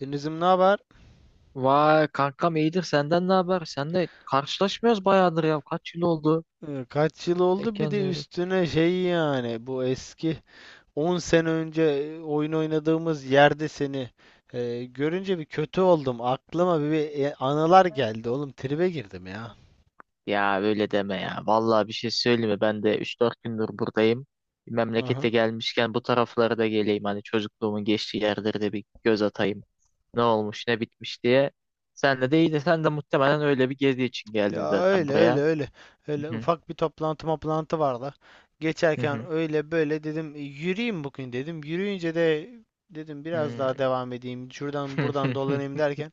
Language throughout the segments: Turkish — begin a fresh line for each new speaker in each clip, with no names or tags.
Denizim, ne haber?
Vay kankam iyidir senden ne haber? Sen de karşılaşmıyoruz bayağıdır ya. Kaç yıl oldu?
Kaç yıl
Denk
oldu? Bir de
gelmiyorduk.
üstüne şey yani bu eski 10 sene önce oyun oynadığımız yerde seni görünce bir kötü oldum. Aklıma bir anılar geldi oğlum. Tribe girdim ya.
Ya öyle deme ya. Vallahi bir şey söyleyeyim mi? Ben de 3-4 gündür buradayım. Memlekete
Aha.
gelmişken bu taraflara da geleyim. Hani çocukluğumun geçtiği yerlere de bir göz atayım. Ne olmuş, ne bitmiş diye. Sen de iyi de sen de muhtemelen öyle bir gezi için geldin
Ya
zaten
öyle öyle
buraya.
öyle.
Hı
Öyle
hı,
ufak bir toplantı vardı.
hı
Geçerken
hı,
öyle böyle dedim, "E, yürüyeyim bugün," dedim. Yürüyünce de dedim biraz
hı.
daha devam edeyim. Şuradan buradan dolanayım derken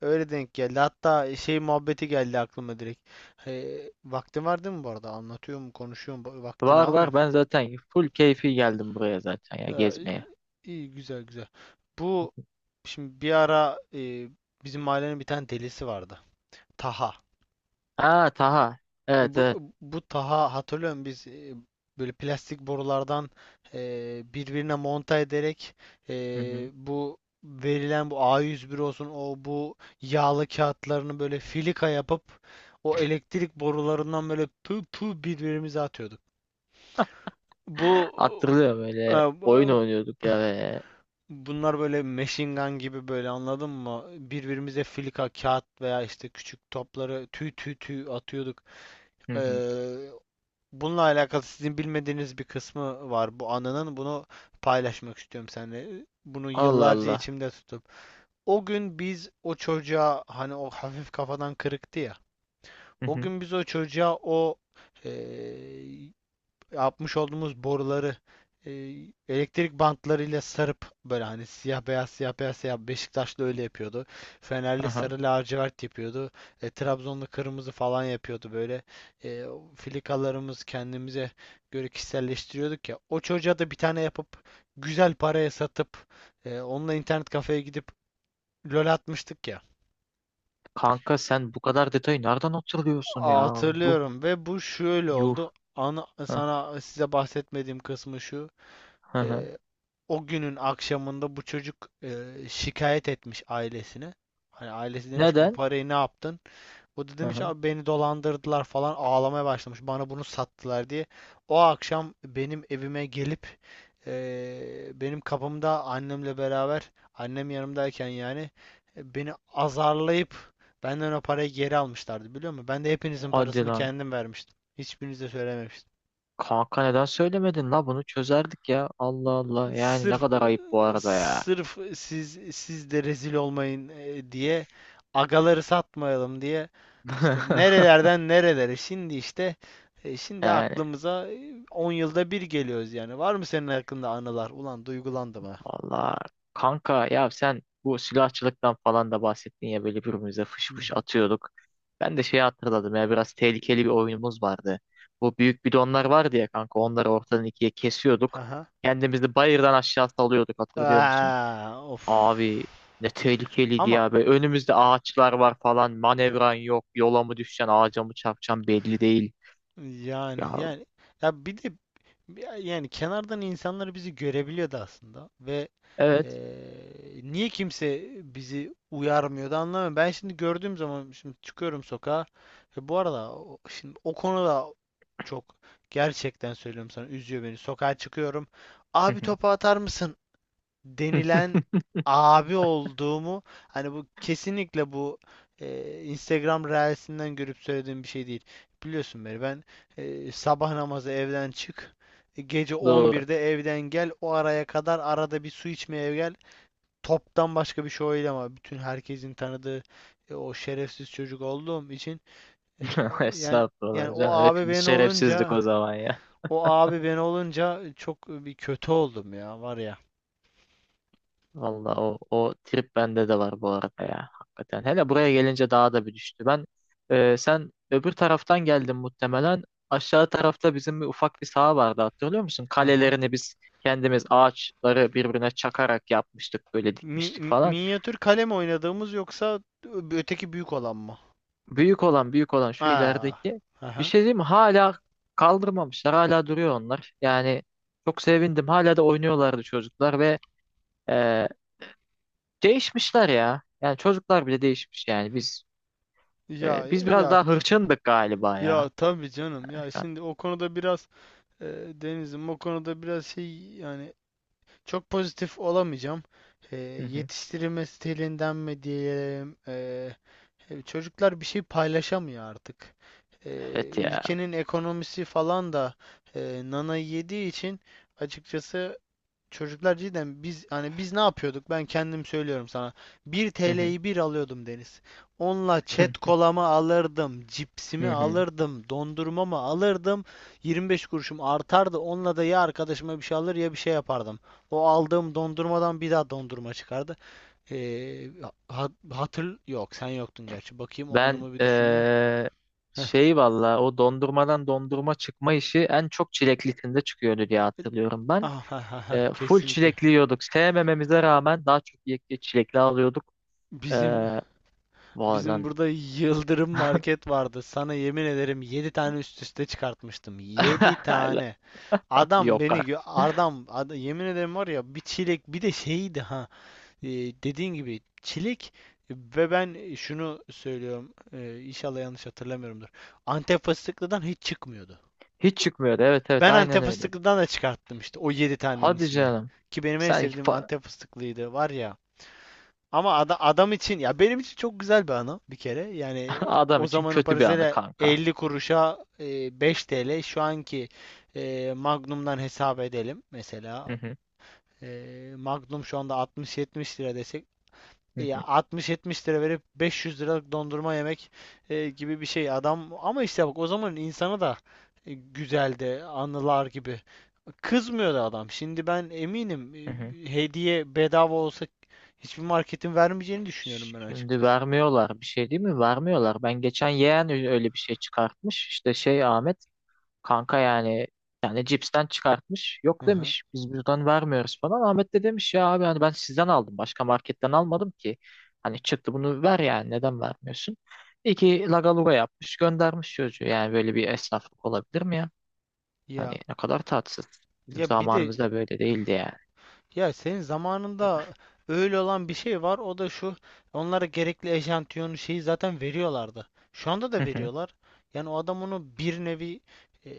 öyle denk geldi. Hatta şey muhabbeti geldi aklıma direkt. Vaktin var değil mi bu arada? Anlatıyorum, konuşuyorum. Vaktini
Var var,
almayayım.
ben zaten full keyfi geldim buraya zaten ya
Ya, iyi,
gezmeye.
iyi, güzel güzel. Bu şimdi bir ara bizim mahallenin bir tane delisi vardı. Taha.
Ha Taha. Evet,
Bu,
evet.
bu Taha, hatırlıyorum. Biz böyle plastik borulardan birbirine monta ederek
Hı hı.
bu verilen bu A101 olsun, o bu yağlı kağıtlarını böyle filika yapıp o elektrik borularından böyle pı pı birbirimize atıyorduk. Bu
Hatırlıyorum,
e,
böyle oyun
bu-
oynuyorduk ya böyle.
bunlar böyle machine gun gibi böyle, anladın mı? Birbirimize filika kağıt veya işte küçük topları tüy tüy tüy atıyorduk.
Hı hı.
Eee, Bununla alakalı sizin bilmediğiniz bir kısmı var bu anının. Bunu paylaşmak istiyorum seninle. Bunu
Allah
yıllarca
Allah.
içimde tutup. O gün biz o çocuğa, hani o hafif kafadan kırıktı ya.
Hı
O
hı.
gün biz o çocuğa o eee, yapmış olduğumuz boruları e, elektrik bantlarıyla sarıp böyle, hani siyah beyaz siyah beyaz siyah, Beşiktaşlı öyle yapıyordu. Fenerli
Aha.
sarı lacivert yapıyordu. Trabzonlu kırmızı falan yapıyordu böyle. E, filikalarımız kendimize göre kişiselleştiriyorduk ya. O çocuğa da bir tane yapıp güzel paraya satıp onunla internet kafeye gidip LOL atmıştık ya.
Kanka sen bu kadar detayı nereden hatırlıyorsun ya? Yuh
Hatırlıyorum, ve bu şöyle
yuh.
oldu. Ana,
Hah,
size bahsetmediğim kısmı şu.
hı hı.
Ee, O günün akşamında bu çocuk şikayet etmiş ailesine. Hani ailesi demiş ki, bu
Neden?
parayı ne yaptın? O da
Hı
demiş,
hı.
abi beni dolandırdılar falan, ağlamaya başlamış. Bana bunu sattılar diye. O akşam benim evime gelip benim kapımda, annemle beraber, annem yanımdayken yani beni azarlayıp benden o parayı geri almışlardı, biliyor musun? Ben de hepinizin
Hadi
parasını
lan.
kendim vermiştim. Hiçbirinize söylememiştim.
Kanka neden söylemedin la, bunu çözerdik ya. Allah Allah. Yani ne
sırf e,
kadar ayıp bu arada ya.
sırf siz de rezil olmayın diye, agaları satmayalım diye. İşte nerelerden nerelere, şimdi işte şimdi
Yani
aklımıza 10 yılda bir geliyoruz yani. Var mı senin hakkında anılar? Ulan duygulandım ha.
vallahi kanka, ya sen bu silahçılıktan falan da bahsettin ya, böyle birbirimize fış
Hı
fış
hı.
atıyorduk. Ben de şeyi hatırladım ya, biraz tehlikeli bir oyunumuz vardı. Bu büyük bidonlar vardı ya kanka, onları ortadan ikiye kesiyorduk.
Aha.
Kendimizi bayırdan aşağı salıyorduk, hatırlıyor musun?
Of.
Abi ne tehlikeliydi
Ama
ya, böyle önümüzde ağaçlar var falan, manevran yok, yola mı düşeceksin, ağaca mı çarpacaksın belli değil.
yani
Ya
yani ya, bir de yani kenardan insanlar bizi görebiliyordu aslında. Ve
evet.
niye kimse bizi uyarmıyor da, anlamıyorum. Ben şimdi gördüğüm zaman, şimdi çıkıyorum sokağa. Ve bu arada şimdi o konuda çok, gerçekten söylüyorum sana, üzüyor beni. Sokağa çıkıyorum. "Abi, topu atar mısın?" denilen abi olduğumu, hani bu kesinlikle bu Instagram Reels'inden görüp söylediğim bir şey değil. Biliyorsun beni, ben sabah namazı evden çık, gece
Doğru.
11'de evden gel. O araya kadar arada bir su içmeye gel, toptan başka bir şey oydu. Ama bütün herkesin tanıdığı o şerefsiz çocuk olduğum için e, yani yani
Estağfurullah
o
canım,
abi
hepimiz
ben
şerefsizdik
olunca,
o zaman ya.
o abi ben olunca çok bir kötü oldum ya, var ya.
Valla o trip bende de var bu arada ya. Hakikaten. Hele buraya gelince daha da bir düştü. Ben sen öbür taraftan geldin muhtemelen. Aşağı tarafta bizim bir ufak bir saha vardı, hatırlıyor musun?
Aha.
Kalelerini biz kendimiz, ağaçları birbirine çakarak yapmıştık. Böyle dikmiştik falan.
Minyatür kalem oynadığımız, yoksa öteki büyük olan mı?
Büyük olan, büyük olan şu
Ha.
ilerideki. Bir
Aha.
şey diyeyim mi? Hala kaldırmamışlar. Hala duruyor onlar. Yani çok sevindim. Hala da oynuyorlardı çocuklar ve e, değişmişler ya. Yani çocuklar bile değişmiş yani. Biz Ee,
Ya
biz biraz
ya
daha hırçındık galiba ya
ya tabii canım ya.
Erkan.
Şimdi o konuda biraz e, Deniz'im, o konuda biraz şey yani, çok pozitif olamayacağım.
Hı hı.
Yetiştirilme stilinden mi diyelim? Çocuklar bir şey paylaşamıyor artık.
Evet ya.
Ülkenin ekonomisi falan da nana yediği için, açıkçası çocuklar cidden, biz hani biz ne yapıyorduk? Ben kendim söylüyorum sana. 1
Hı hı.
TL'yi bir alıyordum, Deniz. Onunla çet kolamı alırdım, cipsimi
Hı hı. Hı.
alırdım, dondurmamı alırdım. 25 kuruşum artardı. Onunla da ya arkadaşıma bir şey alır ya bir şey yapardım. O aldığım dondurmadan bir daha dondurma çıkardı. Ee, Hatır yok, sen yoktun gerçi. Bakayım, o
Ben
anımı bir düşündüm. Heh.
şey valla, o dondurmadan dondurma çıkma işi en çok çileklisinde çıkıyordu diye hatırlıyorum ben.
Ah, ha, ha, ha,
Full
kesinlikle.
çilekli yiyorduk. Sevmememize rağmen daha çok çilekli alıyorduk. Ee,
Bizim Bizim
vallahi.
burada Yıldırım Market vardı. Sana yemin ederim, 7 tane üst üste çıkartmıştım. 7 tane. Adam
Yok
beni
artık.
adam, yemin ederim var ya, bir çilek, bir de şeydi ha. e, Dediğin gibi çilek. Ve ben şunu söylüyorum. İnşallah yanlış hatırlamıyorumdur. Antep fıstıklıdan hiç çıkmıyordu.
Hiç çıkmıyordu. Evet, evet,
Ben
aynen
Antep
öyle.
fıstıklıdan da çıkarttım işte, o 7 tanenin
Hadi
içinde.
canım.
Ki benim en
Sanki
sevdiğim Antep fıstıklıydı, var ya. Ama adam için, ya benim için, çok güzel bir anı bir kere. Yani
adam
o
için
zamanın
kötü bir anı
parasıyla
kanka.
50 kuruşa, 5 TL şu anki, Magnum'dan hesap edelim
Hı
mesela.
hı.
Magnum şu anda 60-70 lira desek,
Hı
ya
hı.
60-70 lira verip 500 liralık dondurma yemek gibi bir şey adam. Ama işte bak, o zamanın insanı da güzeldi anılar gibi. Kızmıyor da adam. Şimdi ben eminim,
Hı hı.
hediye bedava olsa hiçbir marketin vermeyeceğini düşünüyorum ben
Şimdi
açıkçası.
vermiyorlar bir şey, değil mi? Vermiyorlar. Ben geçen yeğen, öyle bir şey çıkartmış. İşte şey, Ahmet kanka yani, yani cipsten çıkartmış.
Hı
Yok
hı.
demiş, biz buradan vermiyoruz falan. Ahmet de demiş ya abi, hani ben sizden aldım. Başka marketten almadım ki. Hani çıktı bunu ver, yani neden vermiyorsun? İki lagaluga yapmış, göndermiş çocuğu. Yani böyle bir esnaflık olabilir mi ya?
Ya
Hani ne kadar tatsız. Bizim
ya bir de,
zamanımızda böyle değildi yani.
ya senin zamanında öyle olan bir şey var. O da şu. Onlara gerekli eşantiyonu şeyi zaten veriyorlardı. Şu anda
Hı
da
hı.
veriyorlar. Yani o adam onu bir nevi e,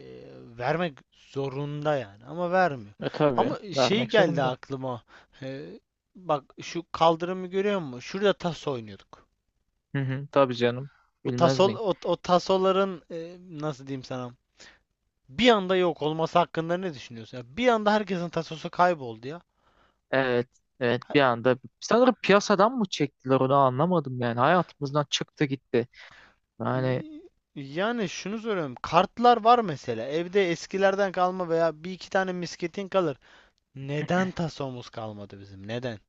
vermek zorunda yani, ama vermiyor.
E tabii,
Ama şey
vermek
geldi
zorunda.
aklıma. E, Bak şu kaldırımı görüyor musun? Şurada tas oynuyorduk.
Hı hı. Tabii canım.
O
Bilmez
tasol
miyim?
o, o tasoların nasıl diyeyim sana? Bir anda yok olması hakkında ne düşünüyorsun? Ya bir anda herkesin tasosu kayboldu ya.
Evet, evet, bir anda sanırım piyasadan mı çektiler onu anlamadım, yani hayatımızdan çıktı gitti. Yani
Y- Yani şunu soruyorum. Kartlar var mesela. Evde eskilerden kalma veya bir iki tane misketin kalır. Neden tasomuz kalmadı bizim? Neden?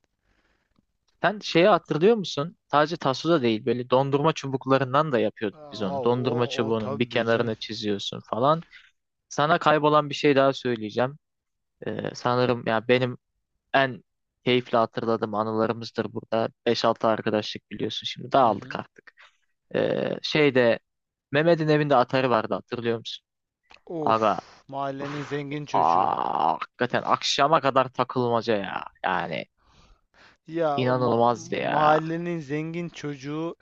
sen şeyi hatırlıyor musun? Sadece taso da değil, böyle dondurma çubuklarından da yapıyorduk biz
Aa,
onu. Dondurma
o o
çubuğunun bir
tabii canım.
kenarını çiziyorsun falan. Sana kaybolan bir şey daha söyleyeceğim. Sanırım ya, benim en keyifli hatırladığım anılarımızdır burada. 5-6 arkadaşlık biliyorsun, şimdi
Hı
dağıldık
hı.
artık. Şeyde Mehmet'in evinde atarı vardı, hatırlıyor musun? Aga.
Of, mahallenin
Uf,
zengin çocuğu.
aa, hakikaten akşama kadar takılmaca ya. Yani
Ya o
inanılmazdı ya.
mahallenin zengin çocuğu,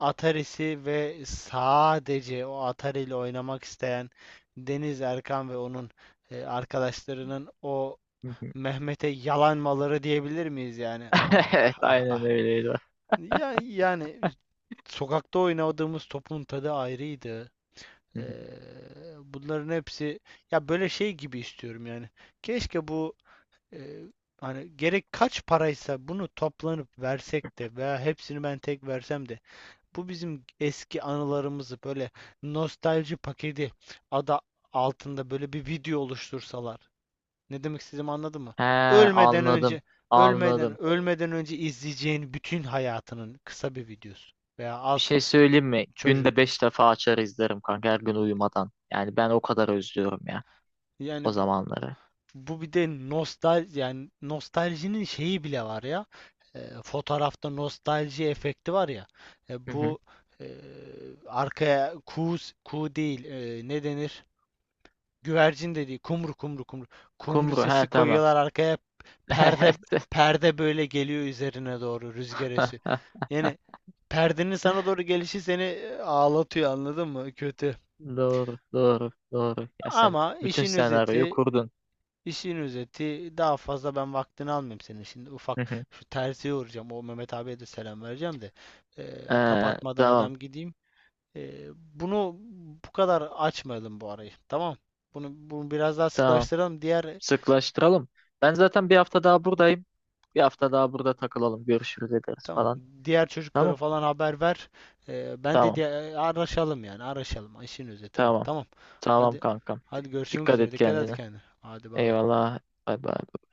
Atari'si ve sadece o Atari ile oynamak isteyen Deniz Erkan ve onun arkadaşlarının o
Hı hı.
Mehmet'e yalanmaları diyebilir miyiz yani? Ah
Evet
ah ah
aynen
ah.
öyleydi.
Ya, yani sokakta oynadığımız topun tadı ayrıydı.
Hı hı.
Bunların hepsi, ya böyle şey gibi istiyorum yani. Keşke bu ee, hani gerek kaç paraysa bunu toplanıp versek de veya hepsini ben tek versem de bu bizim eski anılarımızı böyle nostalji paketi adı altında böyle bir video oluştursalar. Ne demek istediğimi anladın mı?
He,
Ölmeden
anladım.
önce, ölmeden
Anladım.
ölmeden önce izleyeceğin bütün hayatının kısa bir videosu veya
Bir
az
şey söyleyeyim mi? Günde
çocukluk.
5 defa açar izlerim kanka her gün uyumadan. Yani ben o kadar özlüyorum ya o
Yani
zamanları.
bu bir de, nostal yani nostaljinin şeyi bile var ya. Fotoğrafta nostalji efekti var ya.
Hı hı.
Bu e, arkaya kuğu, kuğu değil, ne denir? Güvercin de, Kumru, kumru kumru. Kumru
Kumru, he,
sesi
tamam.
koyuyorlar arkaya. Perde
Evet.
perde böyle geliyor üzerine doğru, rüzgar esiyor. Yani perdenin sana doğru gelişi seni ağlatıyor, anladın mı? Kötü.
Doğru doğru doğru. Ya sen
Ama
bütün
işin
senaryoyu
özeti
kurdun.
İşin özeti, daha fazla ben vaktini almayayım senin. Şimdi ufak
Hı hı.
şu terziye uğrayacağım. O Mehmet abiye de selam vereceğim de,
Ee,
kapatmadan
tamam
adam gideyim. Bunu bu kadar açmayalım bu arayı. Tamam. Bunu biraz daha
tamam.
sıklaştıralım.
Sıklaştıralım. Ben zaten bir hafta daha buradayım. Bir hafta daha burada takılalım. Görüşürüz, ederiz
Tamam.
falan.
Diğer çocuklara
Tamam.
falan haber ver. Ben de
Tamam.
araşalım yani araşalım. İşin özeti bu.
Tamam.
Tamam.
Tamam
Hadi,
kankam.
hadi görüşmek
Dikkat
üzere.
et
Dikkat et
kendine.
kendine. Hadi bay bay.
Eyvallah. Bay bay.